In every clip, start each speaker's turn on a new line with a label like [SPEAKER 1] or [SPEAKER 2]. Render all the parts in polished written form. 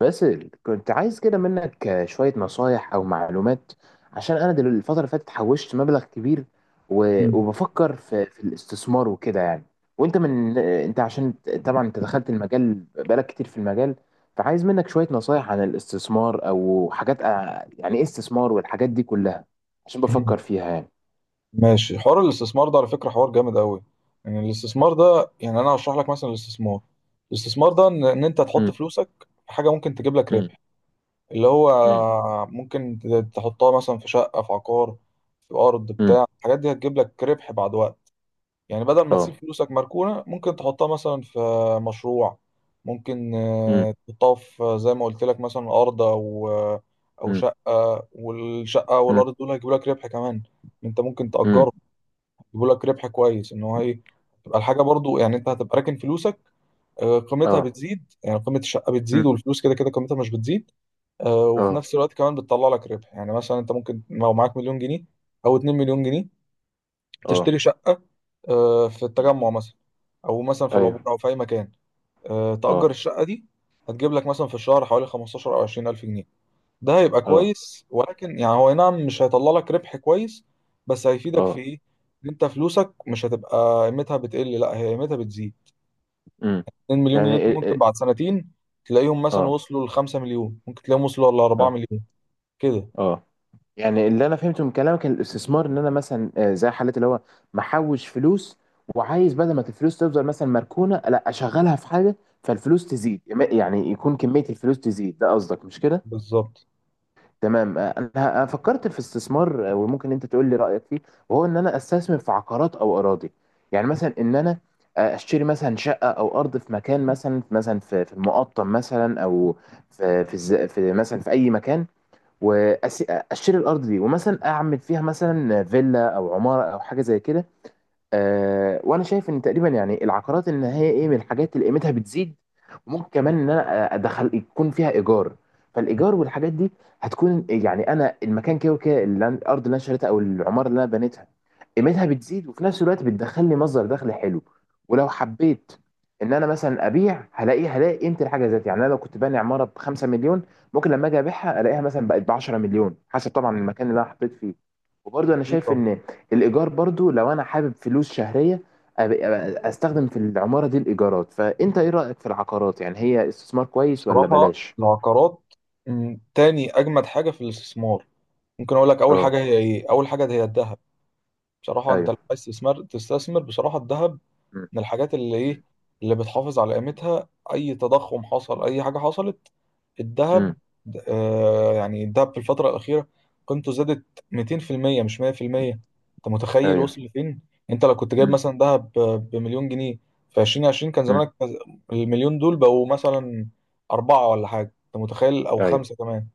[SPEAKER 1] باسل، كنت عايز كده منك شوية نصايح أو معلومات عشان أنا الفترة اللي فاتت حوشت مبلغ كبير.
[SPEAKER 2] مم.
[SPEAKER 1] وبفكر في الاستثمار وكده يعني. وأنت من أنت، عشان طبعا أنت دخلت المجال بقالك كتير في المجال، فعايز منك شوية نصايح عن الاستثمار أو حاجات يعني إيه استثمار والحاجات دي كلها، عشان
[SPEAKER 2] مم.
[SPEAKER 1] بفكر فيها يعني.
[SPEAKER 2] ماشي، حوار الاستثمار ده على فكرة حوار جامد قوي. يعني الاستثمار ده، يعني انا هشرح لك مثلا الاستثمار ده، إن انت تحط
[SPEAKER 1] مم،
[SPEAKER 2] فلوسك في حاجة ممكن تجيب لك
[SPEAKER 1] مم،
[SPEAKER 2] ربح، اللي هو
[SPEAKER 1] مم،
[SPEAKER 2] ممكن تحطها مثلا في شقة، في عقار، في ارض،
[SPEAKER 1] مم،
[SPEAKER 2] بتاع الحاجات دي هتجيب لك ربح بعد وقت. يعني بدل ما تسيب
[SPEAKER 1] أه،
[SPEAKER 2] فلوسك مركونة، ممكن تحطها مثلا في مشروع. ممكن
[SPEAKER 1] مم،
[SPEAKER 2] تحطها في، زي ما قلت لك، مثلا أرض، أو
[SPEAKER 1] مم،
[SPEAKER 2] شقة. والشقة
[SPEAKER 1] مم،
[SPEAKER 2] والأرض دول هيجيبوا لك ربح كمان. أنت ممكن
[SPEAKER 1] مم،
[SPEAKER 2] تأجرهم، يجيبوا لك ربح كويس. إن هو إيه، تبقى الحاجة برضو، يعني أنت هتبقى راكن فلوسك، قيمتها
[SPEAKER 1] أه،
[SPEAKER 2] بتزيد. يعني قيمة الشقة بتزيد
[SPEAKER 1] مم،
[SPEAKER 2] والفلوس كده كده قيمتها مش بتزيد. وفي
[SPEAKER 1] أه،
[SPEAKER 2] نفس الوقت كمان بتطلع لك ربح. يعني مثلا أنت ممكن لو معاك مليون جنيه أو 2 مليون جنيه،
[SPEAKER 1] أه،
[SPEAKER 2] تشتري شقة في
[SPEAKER 1] مم،
[SPEAKER 2] التجمع مثلا، او مثلا في العبور،
[SPEAKER 1] أيوه،
[SPEAKER 2] او في اي مكان. تأجر
[SPEAKER 1] أه،
[SPEAKER 2] الشقة دي، هتجيب لك مثلا في الشهر حوالي 15 او 20 الف جنيه. ده هيبقى
[SPEAKER 1] أه،
[SPEAKER 2] كويس، ولكن يعني هو أي نعم مش هيطلع لك ربح كويس، بس هيفيدك في
[SPEAKER 1] اه،
[SPEAKER 2] ايه؟ إن انت فلوسك مش هتبقى قيمتها بتقل، لا هي قيمتها بتزيد.
[SPEAKER 1] امم.
[SPEAKER 2] 2 مليون
[SPEAKER 1] يعني
[SPEAKER 2] جنيه دول ممكن بعد سنتين تلاقيهم مثلا
[SPEAKER 1] اه،
[SPEAKER 2] وصلوا ل 5 مليون، ممكن تلاقيهم وصلوا ل 4
[SPEAKER 1] اه،
[SPEAKER 2] مليون كده.
[SPEAKER 1] اه، يعني اللي انا فهمته من كلامك إن الاستثمار ان انا مثلا، آه، زي حالة اللي هو محوش فلوس، وعايز بدل ما الفلوس تفضل مثلا مركونة لا اشغلها في حاجة فالفلوس تزيد. يعني يكون كمية الفلوس تزيد، ده قصدك مش كده؟
[SPEAKER 2] بالظبط.
[SPEAKER 1] تمام. آه، أنا فكرت في استثمار، آه، وممكن انت تقول لي رايك فيه، وهو ان انا استثمر في عقارات او اراضي. يعني مثلا ان انا، آه، اشتري مثلا شقه او ارض في مكان، مثلا في المقطم مثلا، او في مثلا في اي مكان، واشتري الارض دي ومثلا اعمل فيها مثلا فيلا او عماره او حاجه زي كده. آه، وانا شايف ان تقريبا يعني العقارات ان هي ايه، من الحاجات اللي قيمتها بتزيد، وممكن كمان ان انا ادخل يكون فيها ايجار. فالايجار والحاجات دي هتكون، يعني انا المكان كده وكده اللي الارض اللي انا شريتها او العماره اللي انا بنيتها قيمتها بتزيد، وفي نفس الوقت بتدخل لي مصدر دخل حلو. ولو حبيت ان انا مثلا ابيع هلاقي هلاقي قيمه الحاجه ذات، يعني انا لو كنت باني عماره ب 5 مليون ممكن لما اجي ابيعها الاقيها مثلا بقت ب 10 مليون، حسب طبعا المكان اللي انا حطيت فيه. وبرضه انا
[SPEAKER 2] ايه
[SPEAKER 1] شايف
[SPEAKER 2] طب.
[SPEAKER 1] ان الايجار برضو لو انا حابب فلوس شهريه، استخدم في العماره دي الايجارات. فانت ايه رايك في العقارات؟ يعني هي استثمار كويس ولا
[SPEAKER 2] بصراحة
[SPEAKER 1] بلاش؟
[SPEAKER 2] العقارات تاني اجمد حاجة في الاستثمار. ممكن اقول لك اول
[SPEAKER 1] اه.
[SPEAKER 2] حاجة هي ايه. اول حاجة هي الذهب. بصراحة انت لو
[SPEAKER 1] ايوه.
[SPEAKER 2] عايز تستثمر، تستثمر بصراحة الذهب.
[SPEAKER 1] مم.
[SPEAKER 2] من الحاجات اللي ايه،
[SPEAKER 1] مم.
[SPEAKER 2] اللي بتحافظ على قيمتها. اي تضخم حصل، اي حاجة حصلت،
[SPEAKER 1] مم.
[SPEAKER 2] الذهب. آه، يعني الذهب في الفترة الأخيرة قيمته زادت 200%، مش 100%. انت متخيل
[SPEAKER 1] ايوه.
[SPEAKER 2] وصل لفين؟ انت لو كنت جايب
[SPEAKER 1] مم.
[SPEAKER 2] مثلا ذهب بمليون جنيه في 2020 كان
[SPEAKER 1] مم.
[SPEAKER 2] زمانك المليون دول بقوا مثلا أربعة ولا حاجة، انت متخيل، أو
[SPEAKER 1] ايوه.
[SPEAKER 2] خمسة كمان.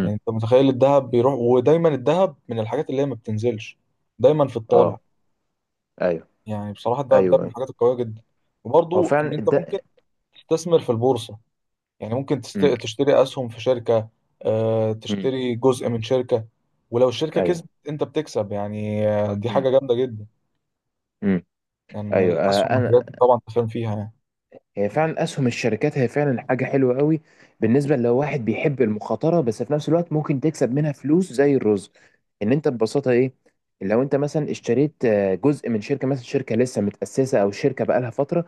[SPEAKER 2] يعني انت متخيل الذهب بيروح، ودايما الذهب من الحاجات اللي هي ما بتنزلش، دايما في الطالع.
[SPEAKER 1] اه. ايوه.
[SPEAKER 2] يعني بصراحة الدهب ده
[SPEAKER 1] ايوه.
[SPEAKER 2] من
[SPEAKER 1] ايوه.
[SPEAKER 2] الحاجات القوية جدا.
[SPEAKER 1] هو
[SPEAKER 2] وبرضو إن
[SPEAKER 1] فعلا
[SPEAKER 2] أنت ممكن
[SPEAKER 1] ده.
[SPEAKER 2] تستثمر في البورصة. يعني ممكن
[SPEAKER 1] مم.
[SPEAKER 2] تشتري أسهم في شركة،
[SPEAKER 1] مم.
[SPEAKER 2] تشتري جزء من شركة. ولو الشركة
[SPEAKER 1] ايوه.
[SPEAKER 2] كسبت أنت بتكسب. يعني دي
[SPEAKER 1] مم.
[SPEAKER 2] حاجة جامدة جدا.
[SPEAKER 1] مم.
[SPEAKER 2] يعني
[SPEAKER 1] ايوه.
[SPEAKER 2] الأسهم
[SPEAKER 1] آه، انا،
[SPEAKER 2] والحاجات دي طبعا أنت فاهم فيها يعني.
[SPEAKER 1] هي فعلا اسهم الشركات هي فعلا حاجه حلوه قوي بالنسبه لو واحد بيحب المخاطره، بس في نفس الوقت ممكن تكسب منها فلوس زي الرز. ان انت ببساطه ايه، لو انت مثلا اشتريت، آه، جزء من شركه، مثلا شركه لسه متاسسه او شركه بقالها فتره،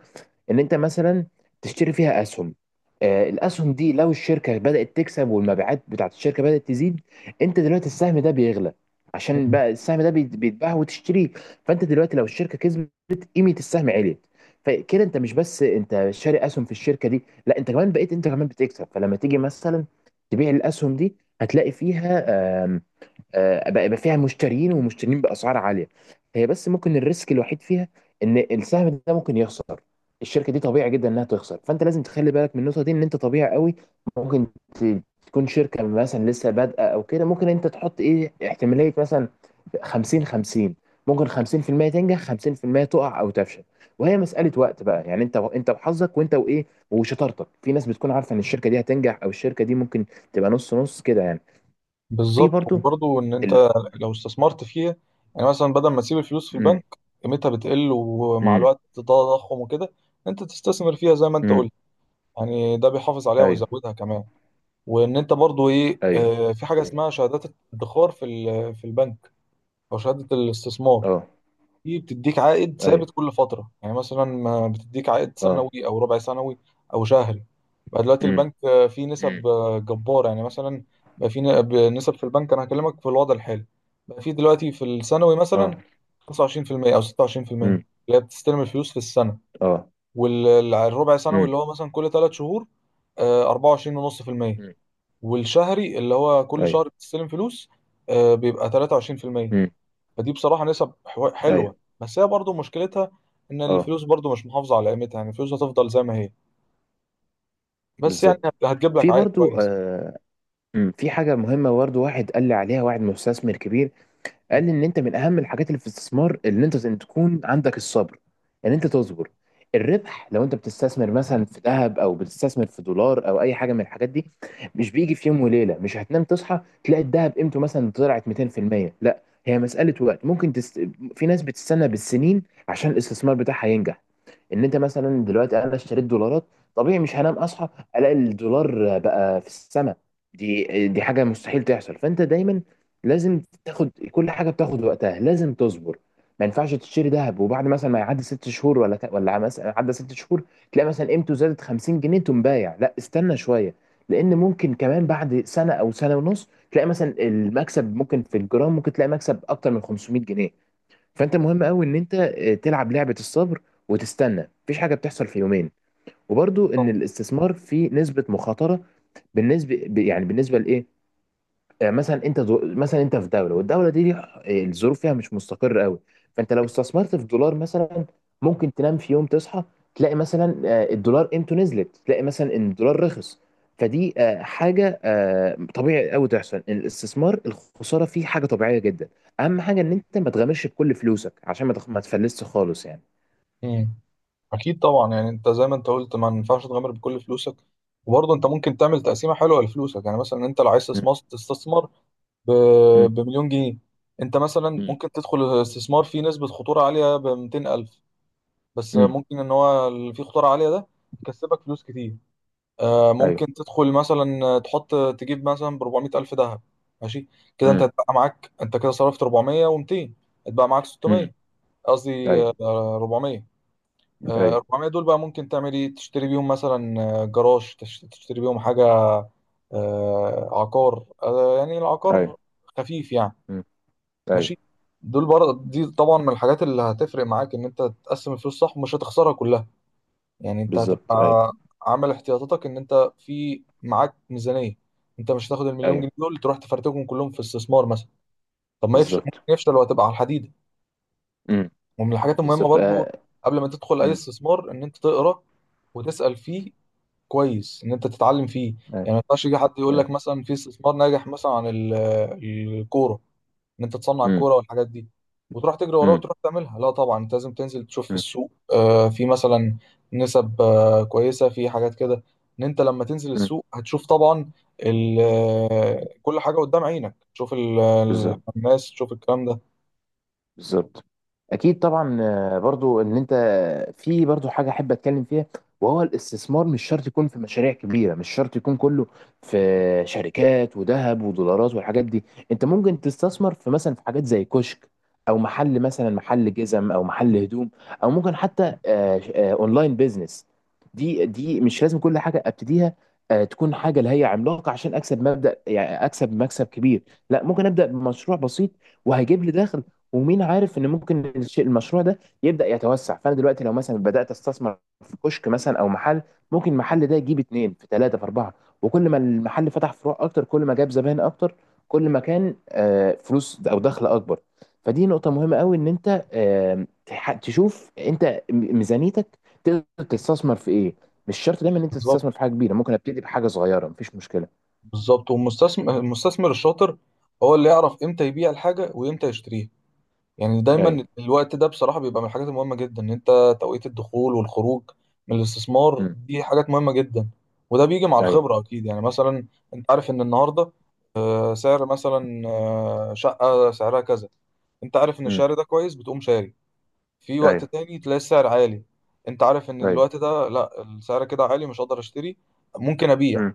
[SPEAKER 1] ان انت مثلا تشتري فيها اسهم. آه، الاسهم دي لو الشركه بدات تكسب والمبيعات بتاعت الشركه بدات تزيد، انت دلوقتي السهم ده بيغلى، عشان
[SPEAKER 2] مم.
[SPEAKER 1] بقى السهم ده بيتباع وتشتريه. فانت دلوقتي لو الشركه كسبت قيمه السهم عليت، فكده انت مش بس انت شاري اسهم في الشركه دي، لا انت كمان بقيت، انت كمان بتكسب، فلما تيجي مثلا تبيع الاسهم دي هتلاقي فيها، آه، بقى يبقى فيها مشترين ومشترين باسعار عاليه. هي بس ممكن الريسك الوحيد فيها ان السهم ده ممكن يخسر، الشركه دي طبيعي جدا انها تخسر، فانت لازم تخلي بالك من النقطه دي ان انت طبيعي قوي ممكن تكون شركه مثلا لسه بادئه او كده. ممكن انت تحط ايه احتماليه مثلا 50-50، ممكن 50% تنجح 50% تقع او تفشل. وهي مساله وقت بقى يعني انت، انت وحظك وانت وايه وشطارتك، في ناس بتكون عارفه ان الشركه دي هتنجح او الشركه دي ممكن تبقى نص نص كده يعني. في
[SPEAKER 2] بالظبط.
[SPEAKER 1] برضو
[SPEAKER 2] وبرضو إن أنت لو استثمرت فيها، يعني مثلا بدل ما تسيب الفلوس في البنك
[SPEAKER 1] ال...
[SPEAKER 2] قيمتها بتقل، ومع
[SPEAKER 1] امم.
[SPEAKER 2] الوقت التضخم وكده، أنت تستثمر فيها زي ما أنت
[SPEAKER 1] امم.
[SPEAKER 2] قلت. يعني ده بيحافظ عليها
[SPEAKER 1] ايوه.
[SPEAKER 2] ويزودها كمان. وان انت برضو ايه،
[SPEAKER 1] ايوه.
[SPEAKER 2] في حاجه إيه، اسمها شهادات الادخار في في البنك، او شهاده الاستثمار.
[SPEAKER 1] اه.
[SPEAKER 2] دي بتديك عائد ثابت
[SPEAKER 1] ايوه.
[SPEAKER 2] كل فتره. يعني مثلا ما بتديك عائد
[SPEAKER 1] اه.
[SPEAKER 2] سنوي او ربع سنوي او شهري. بقى دلوقتي
[SPEAKER 1] امم.
[SPEAKER 2] البنك فيه
[SPEAKER 1] امم.
[SPEAKER 2] نسب جباره. يعني مثلا بقى في نسب في البنك، انا هكلمك في الوضع الحالي. بقى في دلوقتي في الثانوي
[SPEAKER 1] اه.
[SPEAKER 2] مثلا 25% او 26%،
[SPEAKER 1] امم.
[SPEAKER 2] اللي هي بتستلم الفلوس في السنه.
[SPEAKER 1] اه.
[SPEAKER 2] والربع سنوي
[SPEAKER 1] امم.
[SPEAKER 2] اللي هو مثلا كل ثلاث شهور، 24.5%.
[SPEAKER 1] امم.
[SPEAKER 2] والشهري اللي هو كل
[SPEAKER 1] ايوه.
[SPEAKER 2] شهر بتستلم فلوس، بيبقى 23%.
[SPEAKER 1] امم.
[SPEAKER 2] فدي بصراحة نسب حلوة،
[SPEAKER 1] ايوه.
[SPEAKER 2] بس هي برضو مشكلتها ان
[SPEAKER 1] اه.
[SPEAKER 2] الفلوس برضو مش محافظة على قيمتها. يعني الفلوس هتفضل زي ما هي، بس يعني
[SPEAKER 1] بالظبط.
[SPEAKER 2] هتجيب لك
[SPEAKER 1] في
[SPEAKER 2] عائد
[SPEAKER 1] برضو،
[SPEAKER 2] كويس.
[SPEAKER 1] آه، أمم، في حاجه مهمه برضو واحد قال لي عليها واحد مستثمر كبير، قال ان انت من اهم الحاجات اللي في الاستثمار ان انت ان تكون عندك الصبر، ان انت تصبر. الربح لو انت بتستثمر مثلا في ذهب او بتستثمر في دولار او اي حاجه من الحاجات دي مش بيجي في يوم وليله، مش هتنام تصحى تلاقي الذهب قيمته مثلا طلعت 200%، لا هي مساله وقت، ممكن في ناس بتستنى بالسنين عشان الاستثمار بتاعها ينجح. ان انت مثلا دلوقتي انا اشتريت دولارات، طبيعي مش هنام اصحى الاقي الدولار بقى في السماء، دي حاجه مستحيل تحصل. فانت دايما لازم تاخد كل حاجه بتاخد وقتها، لازم تصبر. ما ينفعش تشتري ذهب وبعد مثلا ما يعدي 6 شهور، ولا ولا مثلا عدى 6 شهور تلاقي مثلا قيمته زادت 50 جنيه تقوم بايع، لا استنى شويه، لان ممكن كمان بعد سنه او سنة ونص تلاقي مثلا المكسب ممكن في الجرام ممكن تلاقي مكسب اكتر من 500 جنيه. فانت مهم قوي ان انت، آه، تلعب لعبه الصبر وتستنى، مفيش حاجه بتحصل في يومين.
[SPEAKER 2] اكيد
[SPEAKER 1] وبرضو ان
[SPEAKER 2] طبعا.
[SPEAKER 1] الاستثمار فيه نسبه مخاطره بالنسبه يعني بالنسبه لايه، آه، مثلا انت مثلا انت في دوله والدوله دي آه، الظروف فيها مش مستقره قوي، فانت لو استثمرت في دولار مثلا ممكن تنام في يوم تصحى تلاقي مثلا، آه، الدولار قيمته نزلت، تلاقي مثلا ان الدولار رخص. فدي، آه، حاجه، آه، طبيعي قوي تحصل، الاستثمار الخساره فيه حاجه طبيعيه جدا. اهم حاجه ان انت ما تغامرش بكل فلوسك عشان ما تفلسش خالص يعني.
[SPEAKER 2] مم. اكيد طبعا يعني انت زي ما انت قلت ما ينفعش تغامر بكل فلوسك. وبرضه انت ممكن تعمل تقسيمه حلوه لفلوسك. يعني مثلا انت لو عايز
[SPEAKER 1] مم.
[SPEAKER 2] تستثمر، تستثمر ب...
[SPEAKER 1] مم.
[SPEAKER 2] بمليون جنيه. انت مثلا
[SPEAKER 1] مم.
[SPEAKER 2] ممكن تدخل الاستثمار فيه نسبه خطوره عاليه ب 200,000، بس
[SPEAKER 1] مم.
[SPEAKER 2] ممكن ان هو اللي فيه خطوره عاليه ده يكسبك فلوس كتير.
[SPEAKER 1] ايوه.
[SPEAKER 2] ممكن تدخل مثلا، تحط، تجيب مثلا ب 400 الف ذهب. ماشي. كده انت
[SPEAKER 1] مم.
[SPEAKER 2] هتبقى معاك، انت كده صرفت 400 و200، هتبقى معاك
[SPEAKER 1] مم.
[SPEAKER 2] 600. قصدي
[SPEAKER 1] ايوه.
[SPEAKER 2] 400.
[SPEAKER 1] ايوه.
[SPEAKER 2] 400 دول بقى ممكن تعمل ايه؟ تشتري بيهم مثلا جراج، تشتري بيهم حاجه عقار، يعني
[SPEAKER 1] ايوه.
[SPEAKER 2] العقار خفيف يعني.
[SPEAKER 1] مم. ايوه.
[SPEAKER 2] ماشي. دول برضه، دي طبعا من الحاجات اللي هتفرق معاك، ان انت تقسم الفلوس صح ومش هتخسرها كلها. يعني انت
[SPEAKER 1] بالظبط. ايوه.
[SPEAKER 2] هتبقى عامل احتياطاتك، ان انت في معاك ميزانية. انت مش هتاخد المليون جنيه
[SPEAKER 1] ايوه.
[SPEAKER 2] دول تروح تفرتكهم كلهم في استثمار مثلا. طب ما يفشل، ممكن
[SPEAKER 1] بالظبط.
[SPEAKER 2] يفشل وهتبقى على الحديدة.
[SPEAKER 1] امم.
[SPEAKER 2] ومن الحاجات المهمة
[SPEAKER 1] بالظبط.
[SPEAKER 2] برضو
[SPEAKER 1] آه.
[SPEAKER 2] قبل ما تدخل اي
[SPEAKER 1] امم.
[SPEAKER 2] استثمار ان انت تقرا وتسأل فيه كويس، ان انت تتعلم فيه.
[SPEAKER 1] أيوة.
[SPEAKER 2] يعني ما ينفعش يجي حد يقول لك
[SPEAKER 1] أيوة.
[SPEAKER 2] مثلا في استثمار ناجح مثلا عن الكورة، ان انت تصنع
[SPEAKER 1] امم.
[SPEAKER 2] الكوره والحاجات دي وتروح تجري وراه
[SPEAKER 1] امم.
[SPEAKER 2] وتروح تعملها. لا طبعا انت لازم تنزل تشوف في
[SPEAKER 1] امم.
[SPEAKER 2] السوق، في مثلا نسب كويسه في حاجات كده. ان انت لما تنزل
[SPEAKER 1] امم.
[SPEAKER 2] السوق هتشوف طبعا كل حاجه قدام عينك، تشوف
[SPEAKER 1] بالظبط.
[SPEAKER 2] الناس، تشوف الكلام ده.
[SPEAKER 1] بالظبط. اكيد طبعا. آه، برضو ان انت، في برضو حاجه احب اتكلم فيها، وهو الاستثمار مش شرط يكون في مشاريع كبيره، مش شرط يكون كله في شركات وذهب ودولارات والحاجات دي. انت ممكن تستثمر في مثلا في حاجات زي كشك، او محل مثلا، محل جزم او محل هدوم، او ممكن حتى، آه، آه، اونلاين بيزنس. دي مش لازم كل حاجه ابتديها، آه، تكون حاجه اللي هي عملاقه عشان اكسب مبدا، يعني اكسب مكسب كبير، لا ممكن ابدا بمشروع بسيط وهيجيب لي دخل. ومين عارف ان ممكن الشيء المشروع ده يبدا يتوسع، فانا دلوقتي لو مثلا بدات استثمر في كشك مثلا او محل، ممكن المحل ده يجيب اتنين في ثلاثه في اربعه، وكل ما المحل فتح فروع اكتر كل ما جاب زباين اكتر، كل ما كان، آه، فلوس او دخل اكبر. فدي نقطه مهمه قوي ان انت، آه، تشوف انت ميزانيتك تقدر تستثمر في ايه، مش شرط دايما ان انت
[SPEAKER 2] بالظبط.
[SPEAKER 1] تستثمر في حاجه كبيره، ممكن ابتدي بحاجه صغيره مفيش مشكله.
[SPEAKER 2] بالظبط. والمستثمر الشاطر هو اللي يعرف امتى يبيع الحاجه وامتى يشتريها. يعني دايما
[SPEAKER 1] ايوه.
[SPEAKER 2] الوقت ده بصراحة بيبقى من الحاجات المهمة جدا، ان انت توقيت الدخول والخروج من الاستثمار
[SPEAKER 1] امم.
[SPEAKER 2] دي حاجات مهمة جدا. وده بيجي مع
[SPEAKER 1] ايوه.
[SPEAKER 2] الخبرة اكيد. يعني مثلا انت عارف ان النهاردة سعر مثلا شقة سعرها كذا، انت عارف ان
[SPEAKER 1] امم.
[SPEAKER 2] السعر ده كويس، بتقوم شاري. في وقت
[SPEAKER 1] ايوه.
[SPEAKER 2] تاني تلاقي السعر عالي، انت عارف ان
[SPEAKER 1] ايوه.
[SPEAKER 2] الوقت ده لا، السعر كده عالي، مش هقدر اشتري، ممكن ابيع.
[SPEAKER 1] امم.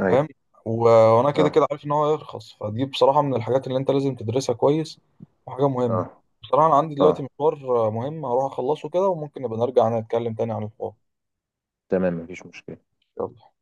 [SPEAKER 1] ايوه.
[SPEAKER 2] فاهم؟ و- وانا كده
[SPEAKER 1] اه.
[SPEAKER 2] كده عارف ان هو هيرخص. فدي بصراحه من الحاجات اللي انت لازم تدرسها كويس، وحاجه مهمه.
[SPEAKER 1] اه.
[SPEAKER 2] بصراحه انا عندي دلوقتي
[SPEAKER 1] اه.
[SPEAKER 2] مشوار مهم هروح اخلصه كده، وممكن نبقى نرجع نتكلم تاني عن الحوار.
[SPEAKER 1] تمام، مفيش مشكلة.
[SPEAKER 2] يلا